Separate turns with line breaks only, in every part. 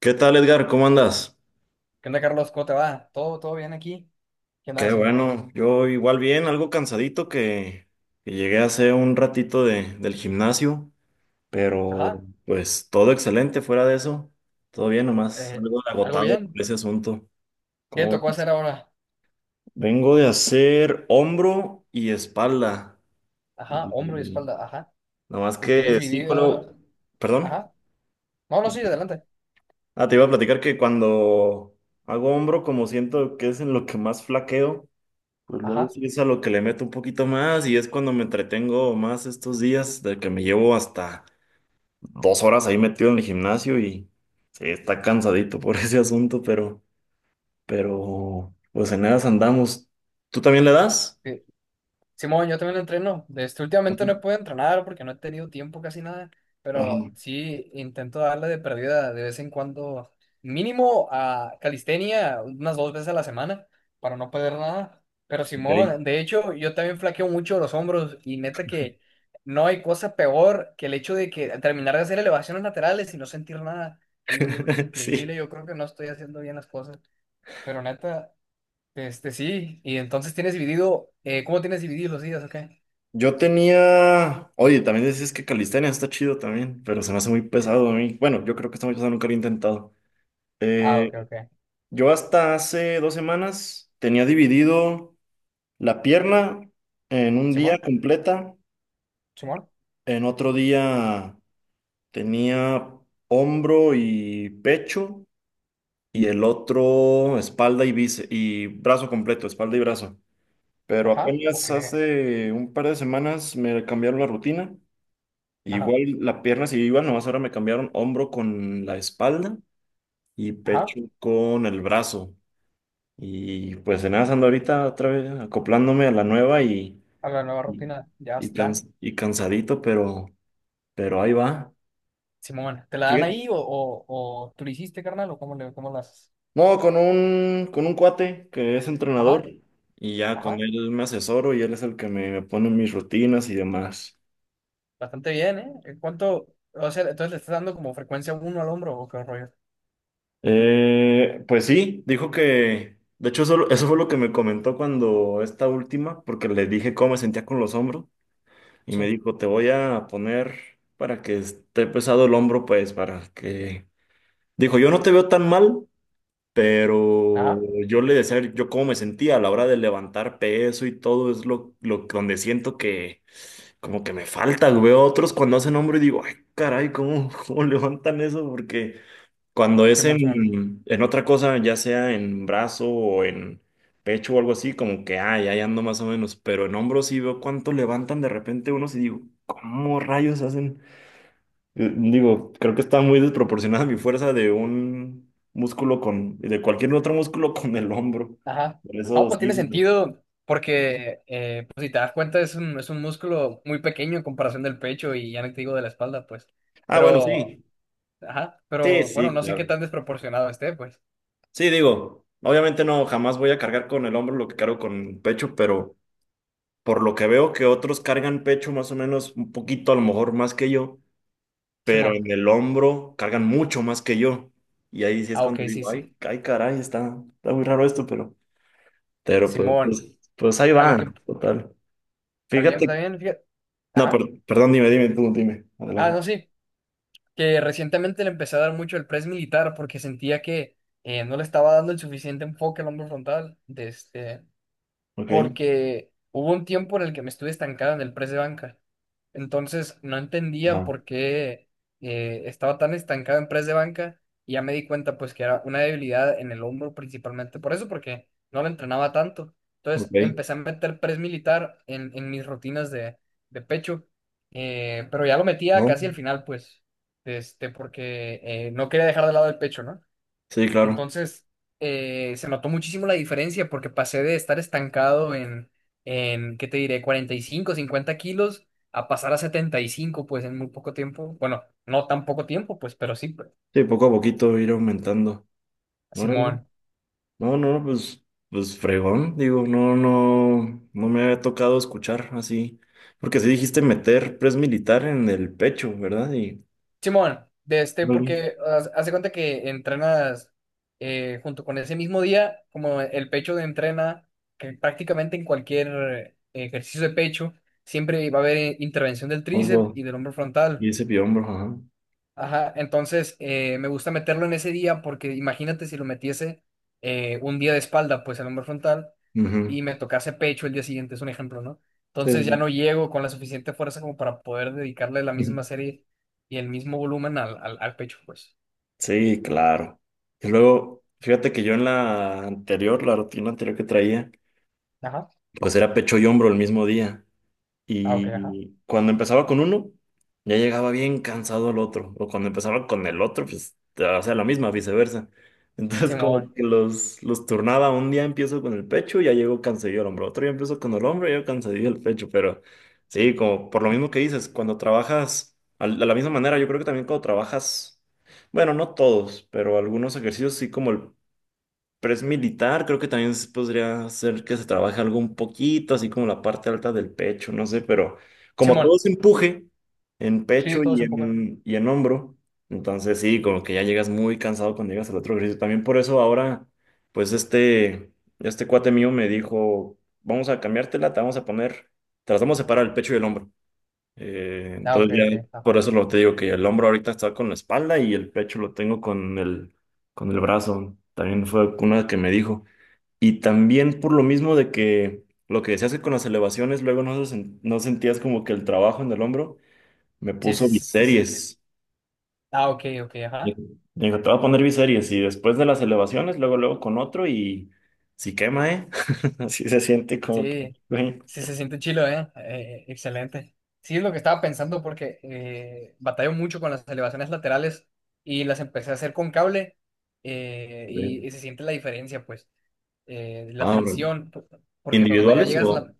¿Qué tal, Edgar? ¿Cómo andas?
¿Qué onda, Carlos? ¿Cómo te va? ¿Todo bien aquí? ¿Qué andas
Qué
haciendo?
bueno, yo igual bien, algo cansadito que llegué hace un ratito del gimnasio, pero
Ajá.
pues todo excelente fuera de eso, todo bien nomás,
eh,
algo
¿algo
agotado por
bien?
ese asunto.
¿Qué te
¿Cómo
tocó
ves?
hacer ahora?
Vengo de hacer hombro y espalda,
Ajá. Hombro y
y
espalda. Ajá.
nomás
¿Lo tienes
que sí,
dividido?
perdón.
Ajá. No, no, sí, adelante.
Ah, te iba a platicar que cuando hago hombro, como siento que es en lo que más flaqueo, pues luego
Ajá.
sí es a lo que le meto un poquito más y es cuando me entretengo más estos días, de que me llevo hasta 2 horas ahí metido en el gimnasio y sí, está cansadito por ese asunto, pero pues en esas andamos. ¿Tú también le das?
Sí. Simón, yo también entreno. Este,
Ajá.
últimamente no he podido entrenar porque no he tenido tiempo casi nada,
Ajá.
pero sí intento darle de perdida de vez en cuando, mínimo a calistenia unas 2 veces a la semana para no perder nada. Pero
Ok.
Simón, de hecho, yo también flaqueo mucho los hombros y neta que no hay cosa peor que el hecho de que terminar de hacer elevaciones laterales y no sentir nada. Y digo yo, increíble,
Sí.
yo creo que no estoy haciendo bien las cosas, pero neta. Sí, y entonces tienes dividido, ¿cómo tienes dividido los días? Ok.
Yo tenía, oye, también decís que calistenia está chido también, pero se me hace muy
Sí.
pesado a mí. Bueno, yo creo que está muy pesado, nunca lo he intentado.
Ah, ok,
Eh,
ok.
yo hasta hace 2 semanas tenía dividido. La pierna en un día
Simón,
completa,
Simón.
en otro día tenía hombro y pecho y el otro espalda y bíceps y brazo completo, espalda y brazo. Pero
Ajá,
apenas
ok,
hace un par de semanas me cambiaron la rutina.
ajá,
Igual la pierna sí iba, nomás ahora me cambiaron hombro con la espalda y
ajá,
pecho con el brazo. Y pues en nada ando ahorita otra vez acoplándome a la nueva y
a la nueva
Y,
rutina, ya
y,
está.
cans- y cansadito, pero ahí va.
Simón, ¿te la dan
Fíjate.
ahí o, tú lo hiciste, carnal, o cómo las?
No, con un cuate que es entrenador
Ajá,
y ya con
ajá,
él me asesoro y él es el que me pone mis rutinas y demás.
bastante bien, ¿eh? ¿En cuánto, o sea, entonces le estás dando como frecuencia uno al hombro o qué rollo?
Pues sí, dijo que, de hecho eso fue lo que me comentó cuando esta última, porque le dije cómo me sentía con los hombros y me
Sí,
dijo, te voy a poner para que esté pesado el hombro, pues para que... Dijo, yo no te veo tan mal, pero
ajá,
yo le decía yo cómo me sentía a la hora de levantar peso y todo, es lo donde siento que como que me falta. Veo a otros cuando hacen hombro y digo, ay, caray, ¿cómo cómo levantan eso? Porque cuando es
Simón, Simón,
en otra cosa, ya sea en brazo o en pecho o algo así, como que, ay, ahí ando más o menos. Pero en hombro sí veo cuánto levantan de repente unos y digo, ¿cómo rayos hacen? Digo, creo que está muy desproporcionada mi fuerza de un músculo con, de cualquier otro músculo con el hombro.
ajá.
Por
No,
eso
pues tiene
sí, ¿no?
sentido porque, pues si te das cuenta, es un músculo muy pequeño en comparación del pecho y ya no te digo de la espalda, pues.
Ah, bueno,
Pero.
sí.
Ajá,
Sí,
pero bueno,
sí,
no sé qué
claro.
tan desproporcionado esté, pues.
Sí, digo, obviamente no, jamás voy a cargar con el hombro lo que cargo con el pecho, pero por lo que veo que otros cargan pecho más o menos un poquito, a lo mejor más que yo, pero
Simón.
en el hombro cargan mucho más que yo. Y ahí sí es
Ah, ok,
cuando
sí,
digo, ay,
sí.
ay, caray, está muy raro esto, pero pues,
Simón,
pues, pues ahí
a lo
va,
que...
total.
está bien, está
Fíjate.
bien, fíjate.
No,
Ajá.
per- Perdón, dime, dime, tú, dime.
Ah,
Adelante.
no, sí. Que recientemente le empecé a dar mucho el press militar porque sentía que no le estaba dando el suficiente enfoque al hombro frontal. De este...
Ok.
porque hubo un tiempo en el que me estuve estancado en el press de banca. Entonces no entendía
Ajá.
por qué estaba tan estancado en press de banca y ya me di cuenta pues que era una debilidad en el hombro principalmente por eso, porque no lo entrenaba tanto. Entonces
Ok.
empecé a meter press militar en mis rutinas de pecho, pero ya lo metía
No.
casi al final pues, porque no quería dejar de lado el pecho, ¿no?
Sí, claro.
Entonces, se notó muchísimo la diferencia porque pasé de estar estancado en, ¿qué te diré? 45 50 kilos a pasar a 75 pues en muy poco tiempo. Bueno, no tan poco tiempo, pues, pero sí, pues.
Sí, poco a poquito ir aumentando. Órale.
Simón.
No, no, no, pues, pues fregón. Digo, no, no, no me había tocado escuchar así. Porque sí dijiste meter press militar en el pecho, ¿verdad? Y
Simón,
órale.
porque haz cuenta que entrenas junto con ese mismo día, como el pecho de entrena, que prácticamente en cualquier ejercicio de pecho, siempre va a haber intervención del tríceps
Algo.
y del hombro
Y
frontal.
ese hombro, ajá.
Ajá, entonces me gusta meterlo en ese día porque imagínate si lo metiese un día de espalda, pues el hombro frontal,
Ujú.
y me tocase pecho el día siguiente, es un ejemplo, ¿no?
Sí,
Entonces
sí.
ya no llego con la suficiente fuerza como para poder dedicarle la misma
Sí.
serie y el mismo volumen al pecho, pues.
Sí, claro. Y luego, fíjate que yo en la anterior, la rutina anterior que traía,
Ajá.
pues era pecho y hombro el mismo día.
Ah, ok, ajá.
Y cuando empezaba con uno, ya llegaba bien cansado el otro. O cuando empezaba con el otro, pues hacía la misma, viceversa. Entonces
Simón,
como que los turnaba. Un día empiezo con el pecho, ya llego cansadillo al hombro. Otro día empiezo con el hombro, ya cansadillo el pecho. Pero sí, como por lo mismo que dices, cuando de la misma manera, yo creo que también cuando trabajas, bueno, no todos, pero algunos ejercicios sí como el pero es militar, creo que también se podría ser que se trabaje algo un poquito, así como la parte alta del pecho, no sé, pero como
Simón,
todo se empuje en pecho
sí, todo es
y
un poco.
en hombro, entonces sí, como que ya llegas muy cansado cuando llegas al otro ejercicio. También por eso ahora, pues este cuate mío me dijo, vamos a cambiártela, te vamos a poner, te las vamos a separar el pecho y el hombro.
Ah, ok,
Entonces ya
ok,
por
ajá.
eso lo te digo que el hombro ahorita está con la espalda y el pecho lo tengo con el brazo. También fue una que me dijo. Y también por lo mismo de que lo que decías que con las elevaciones luego no, no sentías como que el trabajo en el hombro, me
Sí,
puso
sí, sí, sí, sí,
biseries.
ah, ok, ok,
Me
ajá.
dijo, te voy a poner biseries y después de las elevaciones, luego luego con otro y si quema, ¿eh? Así se siente como que...
Sí,
güey.
sí se siente chilo, ¿eh? Excelente. Sí, es lo que estaba pensando porque batallo mucho con las elevaciones laterales y las empecé a hacer con cable,
Güey.
y se siente la diferencia, pues, la
Ah, bueno.
tensión. Porque cuando ya
¿Individuales
llegas,
o...?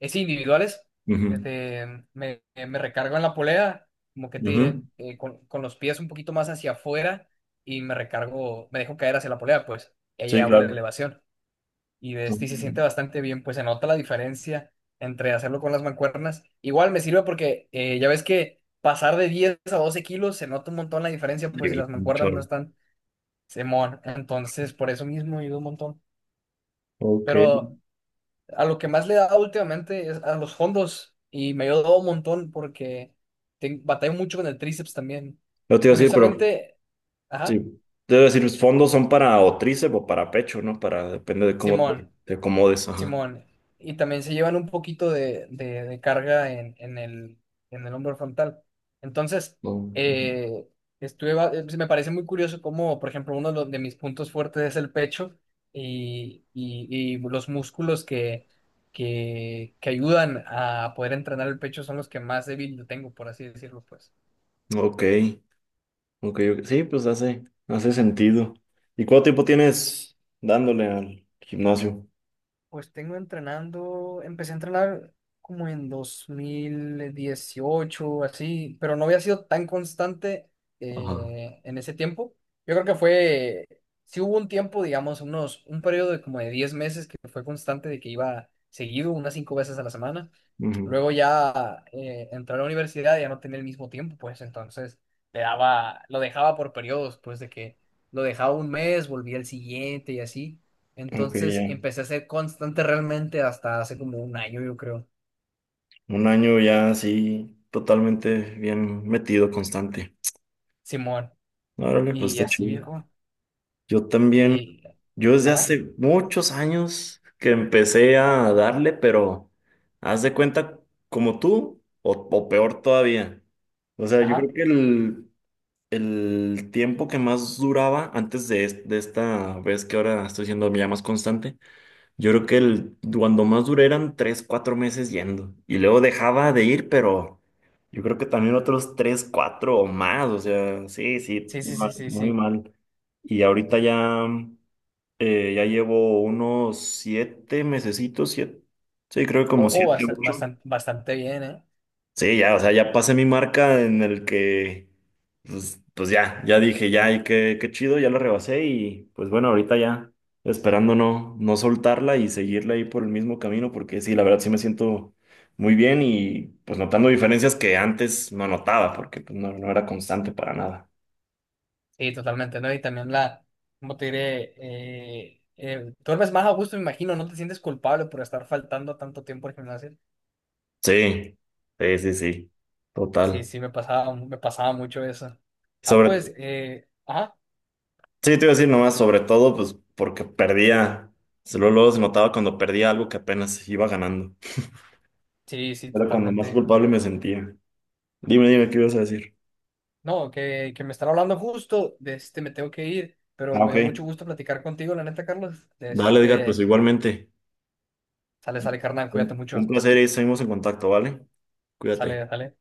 es individuales,
Ujú,
me recargo en la polea, como que te diré,
ujú.
Con los pies un poquito más hacia afuera y me recargo, me dejo caer hacia la polea, pues, y ahí
Sí,
hago la
claro.
elevación y de
No,
este y se siente bastante bien, pues se nota la diferencia entre hacerlo con las mancuernas. Igual me sirve porque ya ves que pasar de 10 a 12 kilos se nota un montón la diferencia, pues si
sí,
las
un
mancuernas no
chorro.
están semón. Entonces, por eso mismo ayuda un montón.
Ok.
Pero a lo que más le da últimamente es a los fondos y me ayudó un montón porque batallo mucho con el tríceps también.
No te iba a decir, pero
Curiosamente, ajá,
sí. Te iba a decir, los fondos son para o tríceps o para pecho, ¿no? Para, depende de cómo
Simón.
te acomodes. Ajá.
Simón, y también se llevan un poquito de carga en el hombro frontal. Entonces,
No. Ujú.
eh, me parece muy curioso cómo, por ejemplo, uno de mis puntos fuertes es el pecho y, y- y los músculos que ayudan a poder entrenar el pecho son los que más débil lo tengo, por así decirlo, pues.
Ok. Ok, ok. Sí, pues hace, hace sentido. ¿Y cuánto tiempo tienes dándole al gimnasio?
Pues tengo entrenando, empecé a entrenar como en 2018 así, pero no había sido tan constante
Ajá.
en ese tiempo. Yo creo que fue, sí hubo un tiempo, digamos, un periodo de como de 10 meses que fue constante, de que iba seguido, unas 5 veces a la semana.
Ujú.
Luego ya entré a la universidad y ya no tenía el mismo tiempo, pues entonces lo dejaba por periodos, pues de que lo dejaba un mes, volvía el siguiente y así.
Ok,
Entonces
ya.
empecé a ser constante realmente hasta hace como un año, yo creo.
Un año ya así, totalmente bien metido, constante.
Simón.
Órale, pues
Y
está
así,
chido.
viejo.
Yo también.
Y,
Yo desde
ajá,
hace muchos años que empecé a darle, pero haz de cuenta como tú o peor todavía. O sea, yo creo
ajá.
que el tiempo que más duraba antes de, de esta vez que ahora estoy siendo ya más constante, yo creo que el, cuando más duré eran 3 o 4 meses yendo. Y luego dejaba de ir, pero yo creo que también otros 3 o 4 o más. O sea, sí, sí,
Sí, sí, sí, sí,
muy
sí.
mal. Y ahorita ya. Ya llevo unos 7 mesecitos, 7, sí, creo que como
Ojo,
siete,
bastante,
ocho.
bastante, bastante bien, ¿eh?
Sí, ya, o sea, ya pasé mi marca en el que, pues, pues ya, ya dije, ya, y qué, qué chido, ya la rebasé y pues bueno, ahorita ya, esperando no, no soltarla y seguirla ahí por el mismo camino, porque sí, la verdad sí me siento muy bien y pues notando diferencias que antes no notaba, porque pues, no, no era constante para nada.
Sí, totalmente, ¿no? Y también, ¿cómo te diré? Duermes más a gusto, me imagino, no te sientes culpable por estar faltando tanto tiempo al gimnasio.
Sí, sí, sí, sí,
Sí,
total.
sí, me pasaba mucho eso. Ah,
Sobre
pues, ajá.
sí, te iba a decir nomás, sobre todo, pues porque perdía. Luego, luego se notaba cuando perdía algo que apenas iba ganando.
Sí, sí,
Era cuando
totalmente,
más
viejo.
culpable me sentía. Dime, dime, ¿qué ibas a decir?
No, que me están hablando justo, de este me tengo que ir, pero
Ah,
me
ok.
dio mucho gusto platicar contigo, la neta, Carlos. De
Dale, Edgar, pues
este,
igualmente.
sale, sale, carnal, cuídate
Un
mucho.
placer y seguimos en contacto, ¿vale? Cuídate.
Sale, sale.